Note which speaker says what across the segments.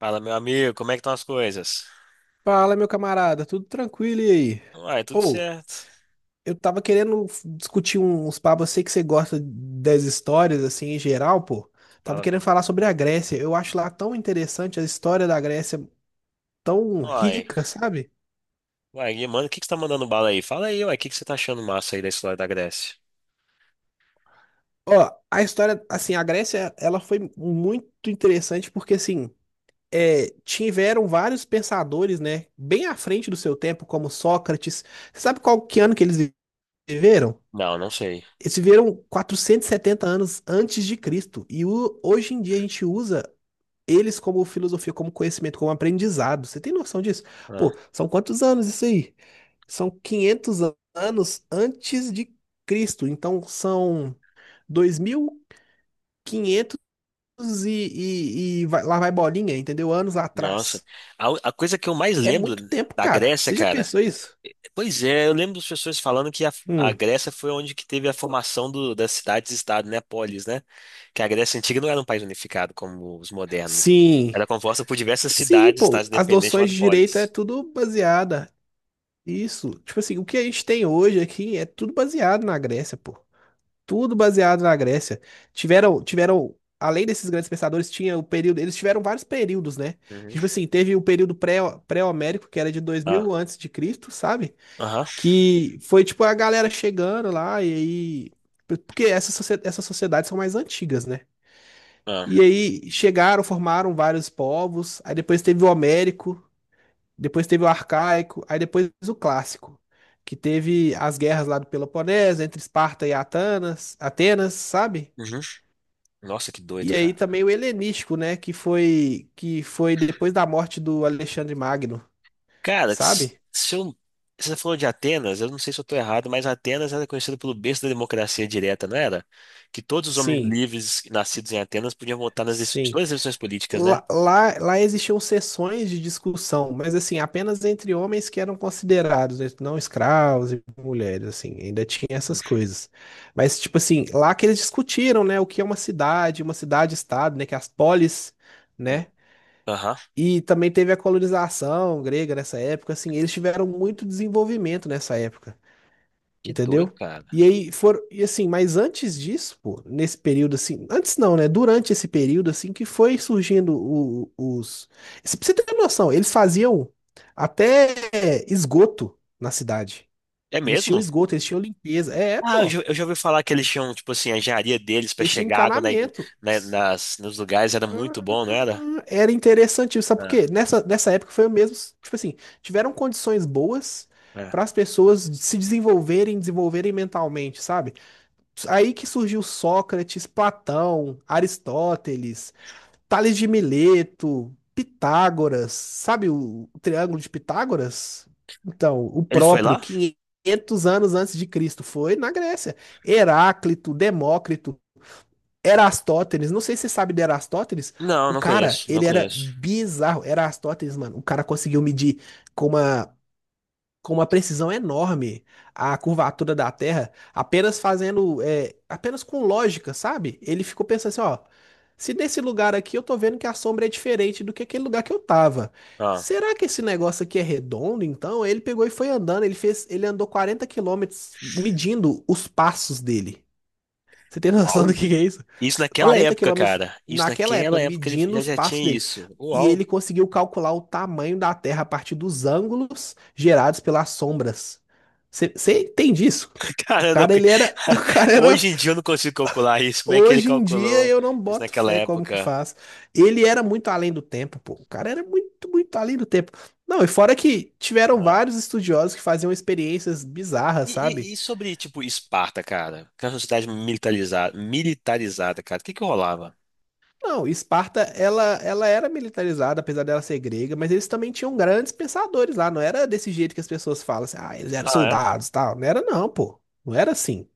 Speaker 1: Fala, meu amigo, como é que estão as coisas?
Speaker 2: Fala, meu camarada, tudo tranquilo e aí?
Speaker 1: Uai, tudo
Speaker 2: Ou,
Speaker 1: certo.
Speaker 2: eu tava querendo discutir uns papos, eu sei que você gosta das histórias, assim, em geral, pô. Tava
Speaker 1: Fala
Speaker 2: querendo falar
Speaker 1: comigo.
Speaker 2: sobre a Grécia. Eu acho lá tão interessante a história da Grécia, tão
Speaker 1: Uai,
Speaker 2: rica, sabe?
Speaker 1: uai, e, mano, o que que você tá mandando bala aí? Fala aí, uai, o que que você tá achando massa aí da história da Grécia?
Speaker 2: Ó, a história, assim, a Grécia, ela foi muito interessante porque, assim, tiveram vários pensadores, né, bem à frente do seu tempo, como Sócrates. Sabe qual que ano que eles viveram?
Speaker 1: Não, não sei.
Speaker 2: Eles viveram 470 anos antes de Cristo. Hoje em dia a gente usa eles como filosofia, como conhecimento, como aprendizado. Você tem noção disso?
Speaker 1: Ah,
Speaker 2: Pô, são quantos anos isso aí? São 500 anos antes de Cristo. Então são 2.500 e, quinhentos e, lá vai bolinha, entendeu? Anos
Speaker 1: nossa.
Speaker 2: atrás.
Speaker 1: A coisa que eu mais
Speaker 2: É
Speaker 1: lembro
Speaker 2: muito tempo,
Speaker 1: da
Speaker 2: cara.
Speaker 1: Grécia,
Speaker 2: Você já
Speaker 1: cara.
Speaker 2: pensou isso?
Speaker 1: Pois é, eu lembro das pessoas falando que a
Speaker 2: Hum.
Speaker 1: Grécia foi onde que teve a formação das cidades-estado, né? Polis, né? Que a Grécia antiga não era um país unificado como os modernos.
Speaker 2: Sim.
Speaker 1: Era composta por diversas
Speaker 2: Sim,
Speaker 1: cidades-estados
Speaker 2: pô, as
Speaker 1: independentes
Speaker 2: noções
Speaker 1: chamadas
Speaker 2: de direito é
Speaker 1: polis.
Speaker 2: tudo baseada. Isso, tipo assim, o que a gente tem hoje aqui é tudo baseado na Grécia, pô. Tudo baseado na Grécia. Tiveram, tiveram, além desses grandes pensadores, tinha o período, eles tiveram vários períodos, né?
Speaker 1: Uhum.
Speaker 2: Tipo assim, teve o período pré-homérico, que era de 2.000
Speaker 1: Ah,
Speaker 2: antes de Cristo, sabe?
Speaker 1: aham.
Speaker 2: Que foi tipo a galera chegando lá e aí, porque essas sociedades são mais antigas, né?
Speaker 1: Ah.
Speaker 2: E aí chegaram, formaram vários povos, aí depois teve o Homérico, depois teve o arcaico, aí depois o clássico, que teve as guerras lá do Peloponeso, entre Esparta e Atenas, sabe?
Speaker 1: Uhum. Nossa, que doido,
Speaker 2: E aí
Speaker 1: cara.
Speaker 2: também o helenístico, né, que foi depois da morte do Alexandre Magno,
Speaker 1: Cara,
Speaker 2: sabe?
Speaker 1: se você falou de Atenas, eu não sei se eu tô errado, mas Atenas era conhecida pelo berço da democracia direta, não era? Que todos os homens
Speaker 2: Sim,
Speaker 1: livres nascidos em Atenas podiam votar
Speaker 2: sim.
Speaker 1: todas as decisões políticas, né?
Speaker 2: Lá existiam sessões de discussão, mas assim, apenas entre homens que eram considerados, né, não escravos e mulheres, assim, ainda tinha essas coisas. Mas, tipo assim, lá que eles discutiram, né, o que é uma cidade, uma cidade-estado, né, que é as polis, né,
Speaker 1: Uhum. Aham.
Speaker 2: e também teve a colonização grega nessa época, assim, eles tiveram muito desenvolvimento nessa época.
Speaker 1: Que doido,
Speaker 2: Entendeu?
Speaker 1: cara.
Speaker 2: E aí foram, e assim, mas antes disso, pô, nesse período assim, antes não, né? Durante esse período assim que foi surgindo o- os, se- pra você ter noção, eles faziam até esgoto na cidade.
Speaker 1: É
Speaker 2: Eles tinham
Speaker 1: mesmo?
Speaker 2: esgoto, eles tinham limpeza.
Speaker 1: Ah, eu
Speaker 2: Pô,
Speaker 1: já, eu já ouvi falar que eles tinham, tipo assim, a engenharia deles pra
Speaker 2: eles tinham
Speaker 1: chegar água na, igre-
Speaker 2: encanamento.
Speaker 1: na- nas, nos lugares era muito
Speaker 2: Ah,
Speaker 1: bom, não era?
Speaker 2: era interessante, sabe por
Speaker 1: É,
Speaker 2: quê? Nessa época foi o mesmo, tipo assim, tiveram condições boas
Speaker 1: é.
Speaker 2: para as pessoas se desenvolverem, desenvolverem mentalmente, sabe? Aí que surgiu Sócrates, Platão, Aristóteles, Tales de Mileto, Pitágoras, sabe o Triângulo de Pitágoras? Então, o
Speaker 1: Ele foi
Speaker 2: próprio
Speaker 1: lá?
Speaker 2: 500 anos antes de Cristo foi na Grécia. Heráclito, Demócrito, Erastótenes, não sei se você sabe de Erastótenes,
Speaker 1: Não,
Speaker 2: o
Speaker 1: não
Speaker 2: cara,
Speaker 1: conheço, não
Speaker 2: ele era
Speaker 1: conheço.
Speaker 2: bizarro. Erastótenes, mano, o cara conseguiu medir com uma com uma precisão enorme a curvatura da Terra, apenas fazendo, apenas com lógica, sabe? Ele ficou pensando assim, ó, se desse lugar aqui eu tô vendo que a sombra é diferente do que aquele lugar que eu tava.
Speaker 1: Ah.
Speaker 2: Será que esse negócio aqui é redondo, então? Ele pegou e foi andando, ele andou 40 quilômetros medindo os passos dele. Você tem noção do
Speaker 1: Uau.
Speaker 2: que é isso?
Speaker 1: Isso naquela
Speaker 2: 40
Speaker 1: época,
Speaker 2: quilômetros
Speaker 1: cara. Isso
Speaker 2: naquela época,
Speaker 1: naquela época ele
Speaker 2: medindo
Speaker 1: já,
Speaker 2: os
Speaker 1: já
Speaker 2: passos
Speaker 1: tinha
Speaker 2: dele.
Speaker 1: isso.
Speaker 2: E
Speaker 1: Uau!
Speaker 2: ele conseguiu calcular o tamanho da Terra a partir dos ângulos gerados pelas sombras. Você entende isso? O
Speaker 1: Cara, eu não.
Speaker 2: cara, ele era. O cara
Speaker 1: Hoje
Speaker 2: era.
Speaker 1: em dia eu não consigo calcular isso. Como é que ele
Speaker 2: Hoje em dia
Speaker 1: calculou
Speaker 2: eu não
Speaker 1: isso
Speaker 2: boto
Speaker 1: naquela
Speaker 2: fé como que
Speaker 1: época?
Speaker 2: faz. Ele era muito além do tempo, pô. O cara era muito, muito além do tempo. Não, e fora que tiveram
Speaker 1: Ah.
Speaker 2: vários estudiosos que faziam experiências bizarras,
Speaker 1: E,
Speaker 2: sabe?
Speaker 1: e sobre, tipo, Esparta, cara? Que era uma sociedade militarizada, militarizada, cara. O que que rolava?
Speaker 2: Não, Esparta, ela era militarizada, apesar dela ser grega, mas eles também tinham grandes pensadores lá. Não era desse jeito que as pessoas falam, assim, ah, eles eram
Speaker 1: Ah, é?
Speaker 2: soldados, tal. Não era não, pô. Não era assim.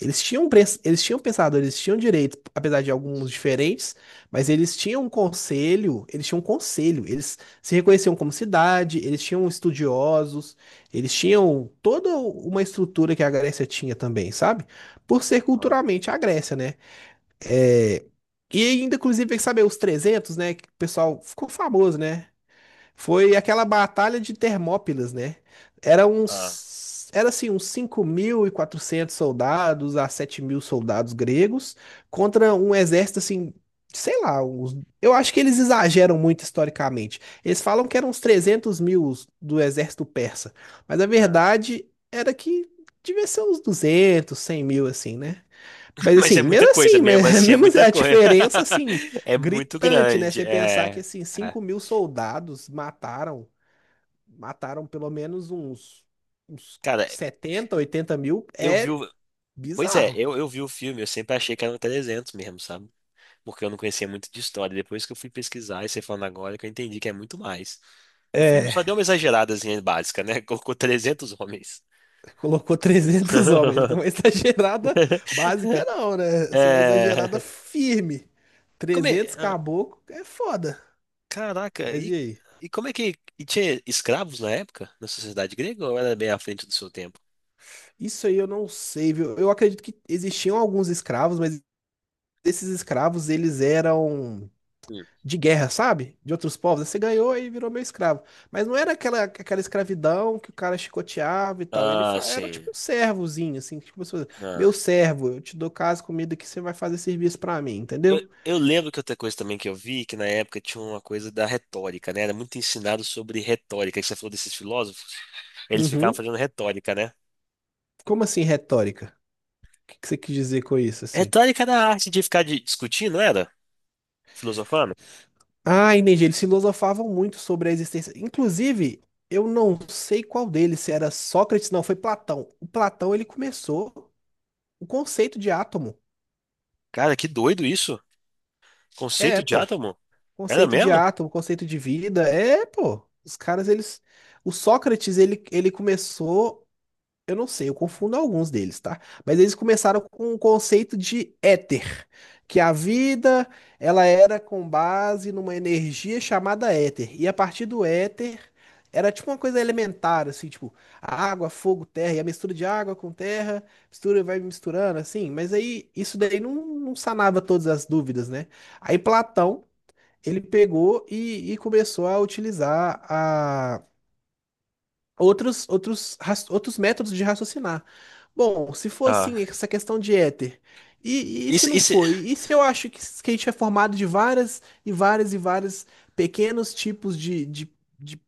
Speaker 2: Eles tinham pensadores, eles tinham direitos, apesar de alguns diferentes, mas eles tinham um conselho, eles se reconheciam como cidade, eles tinham estudiosos, eles tinham toda uma estrutura que a Grécia tinha também, sabe? Por ser
Speaker 1: Ah,
Speaker 2: culturalmente a Grécia, né? É, e ainda, inclusive, sabe, os 300, né? Que o pessoal ficou famoso, né? Foi aquela batalha de Termópilas, né? Era
Speaker 1: ah,
Speaker 2: uns, era assim, uns 5.400 soldados a 7.000 soldados gregos contra um exército, assim, sei lá, eu acho que eles exageram muito historicamente. Eles falam que eram uns 300.000 do exército persa, mas a
Speaker 1: ah.
Speaker 2: verdade era que devia ser uns 200, 100.000, assim, né? Mas
Speaker 1: Mas é
Speaker 2: assim,
Speaker 1: muita
Speaker 2: mesmo
Speaker 1: coisa,
Speaker 2: assim,
Speaker 1: mesmo assim é
Speaker 2: mesmo
Speaker 1: muita
Speaker 2: a
Speaker 1: coisa.
Speaker 2: diferença assim,
Speaker 1: É muito
Speaker 2: gritante, né?
Speaker 1: grande.
Speaker 2: Você pensar que
Speaker 1: É,
Speaker 2: assim,
Speaker 1: é.
Speaker 2: 5.000 soldados mataram pelo menos uns
Speaker 1: Cara,
Speaker 2: 70 80 mil,
Speaker 1: eu vi
Speaker 2: é
Speaker 1: o. Pois é,
Speaker 2: bizarro.
Speaker 1: eu vi o filme, eu sempre achei que eram 300 mesmo, sabe? Porque eu não conhecia muito de história. Depois que eu fui pesquisar e você falando agora, que eu entendi que é muito mais. O filme
Speaker 2: É,
Speaker 1: só deu uma exageradazinha básica, né? Colocou 300 homens.
Speaker 2: colocou 300 homens, uma exagerada básica não, né? Assim, uma exagerada
Speaker 1: É.
Speaker 2: firme.
Speaker 1: Como é.
Speaker 2: 300
Speaker 1: Ah,
Speaker 2: caboclo é foda.
Speaker 1: caraca,
Speaker 2: Mas e
Speaker 1: e,
Speaker 2: aí?
Speaker 1: e como é que. E tinha escravos na época, na sociedade grega, ou era bem à frente do seu tempo?
Speaker 2: Isso aí eu não sei, viu? Eu acredito que existiam alguns escravos, mas esses escravos, eles eram
Speaker 1: Hum.
Speaker 2: de guerra, sabe? De outros povos. Aí você ganhou e virou meu escravo. Mas não era aquela escravidão que o cara chicoteava e tal.
Speaker 1: Ah,
Speaker 2: Era
Speaker 1: sim.
Speaker 2: tipo um servozinho, assim, tipo, como meu
Speaker 1: Ah.
Speaker 2: servo, eu te dou casa, comida que você vai fazer serviço pra mim,
Speaker 1: Eu,
Speaker 2: entendeu?
Speaker 1: eu lembro que outra coisa também que eu vi, que na época tinha uma coisa da retórica, né? Era muito ensinado sobre retórica, que você falou desses filósofos, eles ficavam
Speaker 2: Uhum.
Speaker 1: fazendo retórica, né?
Speaker 2: Como assim retórica? O que que você quis dizer com isso, assim?
Speaker 1: Retórica da arte de ficar discutindo, não era? Filosofando?
Speaker 2: Ah, entendi. Eles filosofavam muito sobre a existência. Inclusive, eu não sei qual deles, se era Sócrates, não, foi Platão. O Platão, ele começou o conceito de átomo.
Speaker 1: Cara, que doido isso. Conceito
Speaker 2: É,
Speaker 1: de
Speaker 2: pô.
Speaker 1: átomo? Era
Speaker 2: Conceito de
Speaker 1: mesmo?
Speaker 2: átomo, conceito de vida, é, pô. Os caras, eles. O Sócrates, ele começou. Eu não sei, eu confundo alguns deles, tá? Mas eles começaram com o conceito de éter, que a vida, ela era com base numa energia chamada éter. E a partir do éter, era tipo uma coisa elementar, assim, tipo, água, fogo, terra, e a mistura de água com terra, mistura, vai misturando, assim. Mas aí, isso daí não, não sanava todas as dúvidas, né? Aí Platão ele pegou e começou a utilizar a outros métodos de raciocinar. Bom, se for
Speaker 1: Ah,
Speaker 2: assim, essa questão de éter, e se
Speaker 1: isso,
Speaker 2: não
Speaker 1: isso,
Speaker 2: foi? E se eu acho que a gente é formado de várias e várias e várias pequenos tipos de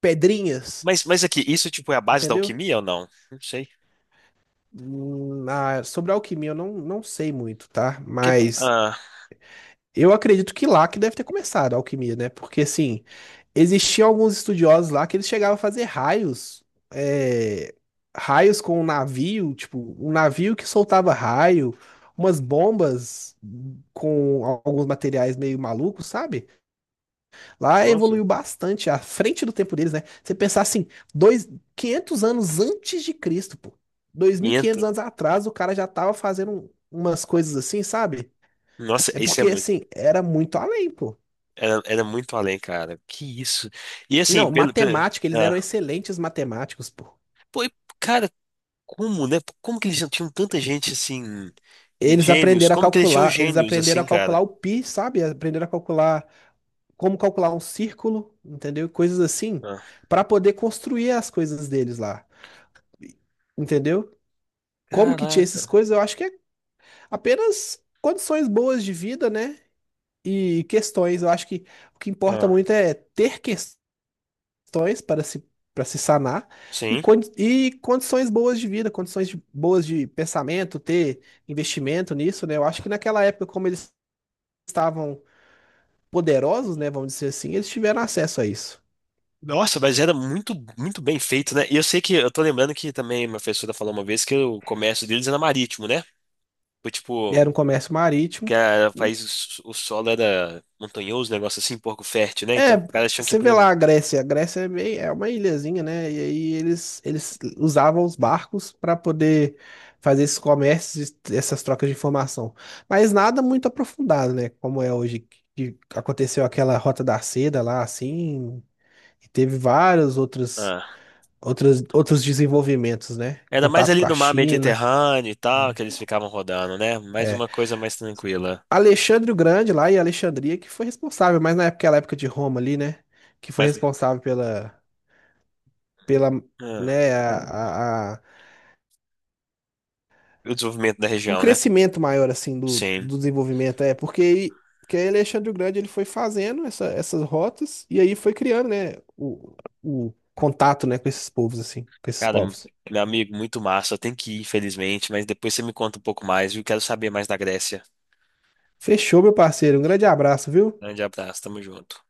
Speaker 2: pedrinhas,
Speaker 1: mas aqui, isso tipo é a base da
Speaker 2: entendeu?
Speaker 1: alquimia ou não? Não sei.
Speaker 2: Ah, sobre a alquimia eu não, não sei muito, tá? Mas
Speaker 1: Ah,
Speaker 2: eu acredito que lá que deve ter começado a alquimia, né? Porque, assim, existiam alguns estudiosos lá que eles chegavam a fazer raios, é, raios com um navio, tipo, um navio que soltava raio, umas bombas com alguns materiais meio malucos, sabe? Lá
Speaker 1: nossa.
Speaker 2: evoluiu bastante, à frente do tempo deles, né? Você pensar assim, dois, 500 anos antes de Cristo, pô. 2.500
Speaker 1: 500.
Speaker 2: anos atrás, o cara já tava fazendo umas coisas assim, sabe?
Speaker 1: Nossa,
Speaker 2: É
Speaker 1: isso é
Speaker 2: porque,
Speaker 1: muito,
Speaker 2: assim, era muito além, pô.
Speaker 1: era muito além, cara. Que isso. E assim,
Speaker 2: Não,
Speaker 1: pelo,
Speaker 2: matemática, eles eram
Speaker 1: ah,
Speaker 2: excelentes matemáticos, pô.
Speaker 1: pô, e, cara, como, né? Como que eles tinham tanta gente assim,
Speaker 2: Eles
Speaker 1: gênios?
Speaker 2: aprenderam a
Speaker 1: Como que eles tinham
Speaker 2: calcular, eles
Speaker 1: gênios
Speaker 2: aprenderam
Speaker 1: assim,
Speaker 2: a calcular
Speaker 1: cara?
Speaker 2: o pi, sabe? Aprenderam a calcular como calcular um círculo, entendeu? Coisas assim,
Speaker 1: Ah,
Speaker 2: para poder construir as coisas deles lá. Entendeu? Como que tinha essas
Speaker 1: caraca.
Speaker 2: coisas? Eu acho que é apenas condições boas de vida, né? E questões. Eu acho que o que importa
Speaker 1: Ah,
Speaker 2: muito é ter questões para se sanar e,
Speaker 1: sim.
Speaker 2: e condições boas de vida, boas de pensamento, ter investimento nisso, né? Eu acho que naquela época, como eles estavam poderosos, né, vamos dizer assim, eles tiveram acesso a isso.
Speaker 1: Nossa, mas era muito, muito bem feito, né? E eu sei que, eu tô lembrando que também minha professora falou uma vez que o comércio deles era marítimo, né? Foi tipo,
Speaker 2: Era um comércio
Speaker 1: que
Speaker 2: marítimo.
Speaker 1: era país, o solo era montanhoso, um negócio assim, pouco fértil, né?
Speaker 2: É,
Speaker 1: Então, os caras tinham que ir
Speaker 2: você vê
Speaker 1: pro.
Speaker 2: lá a Grécia, é meio, uma ilhazinha, né? E aí eles usavam os barcos para poder fazer esses comércios, e essas trocas de informação. Mas nada muito aprofundado, né? Como é hoje, que aconteceu aquela Rota da Seda lá, assim, e teve vários outros,
Speaker 1: Ah.
Speaker 2: outros, outros desenvolvimentos, né?
Speaker 1: Era mais
Speaker 2: Contato
Speaker 1: ali
Speaker 2: com a
Speaker 1: no mar
Speaker 2: China.
Speaker 1: Mediterrâneo e tal, que eles ficavam rodando, né? Mais
Speaker 2: É. É.
Speaker 1: uma coisa mais tranquila.
Speaker 2: Alexandre o Grande lá e Alexandria que foi responsável, mas na época, aquela época de Roma ali, né? Que foi
Speaker 1: Mas,
Speaker 2: responsável pela pela,
Speaker 1: ah,
Speaker 2: né, a, a- a-
Speaker 1: o desenvolvimento da
Speaker 2: o
Speaker 1: região, né?
Speaker 2: crescimento maior, assim, do,
Speaker 1: Sim.
Speaker 2: do desenvolvimento, porque, aí Alexandre o Grande, ele foi fazendo essas rotas, e aí foi criando, né, o contato, né, com esses povos, assim, com esses
Speaker 1: Cara,
Speaker 2: povos.
Speaker 1: meu amigo, muito massa. Eu tenho que ir, infelizmente, mas depois você me conta um pouco mais, viu? Quero saber mais da Grécia.
Speaker 2: Fechou, meu parceiro, um grande abraço, viu?
Speaker 1: Grande abraço, tamo junto.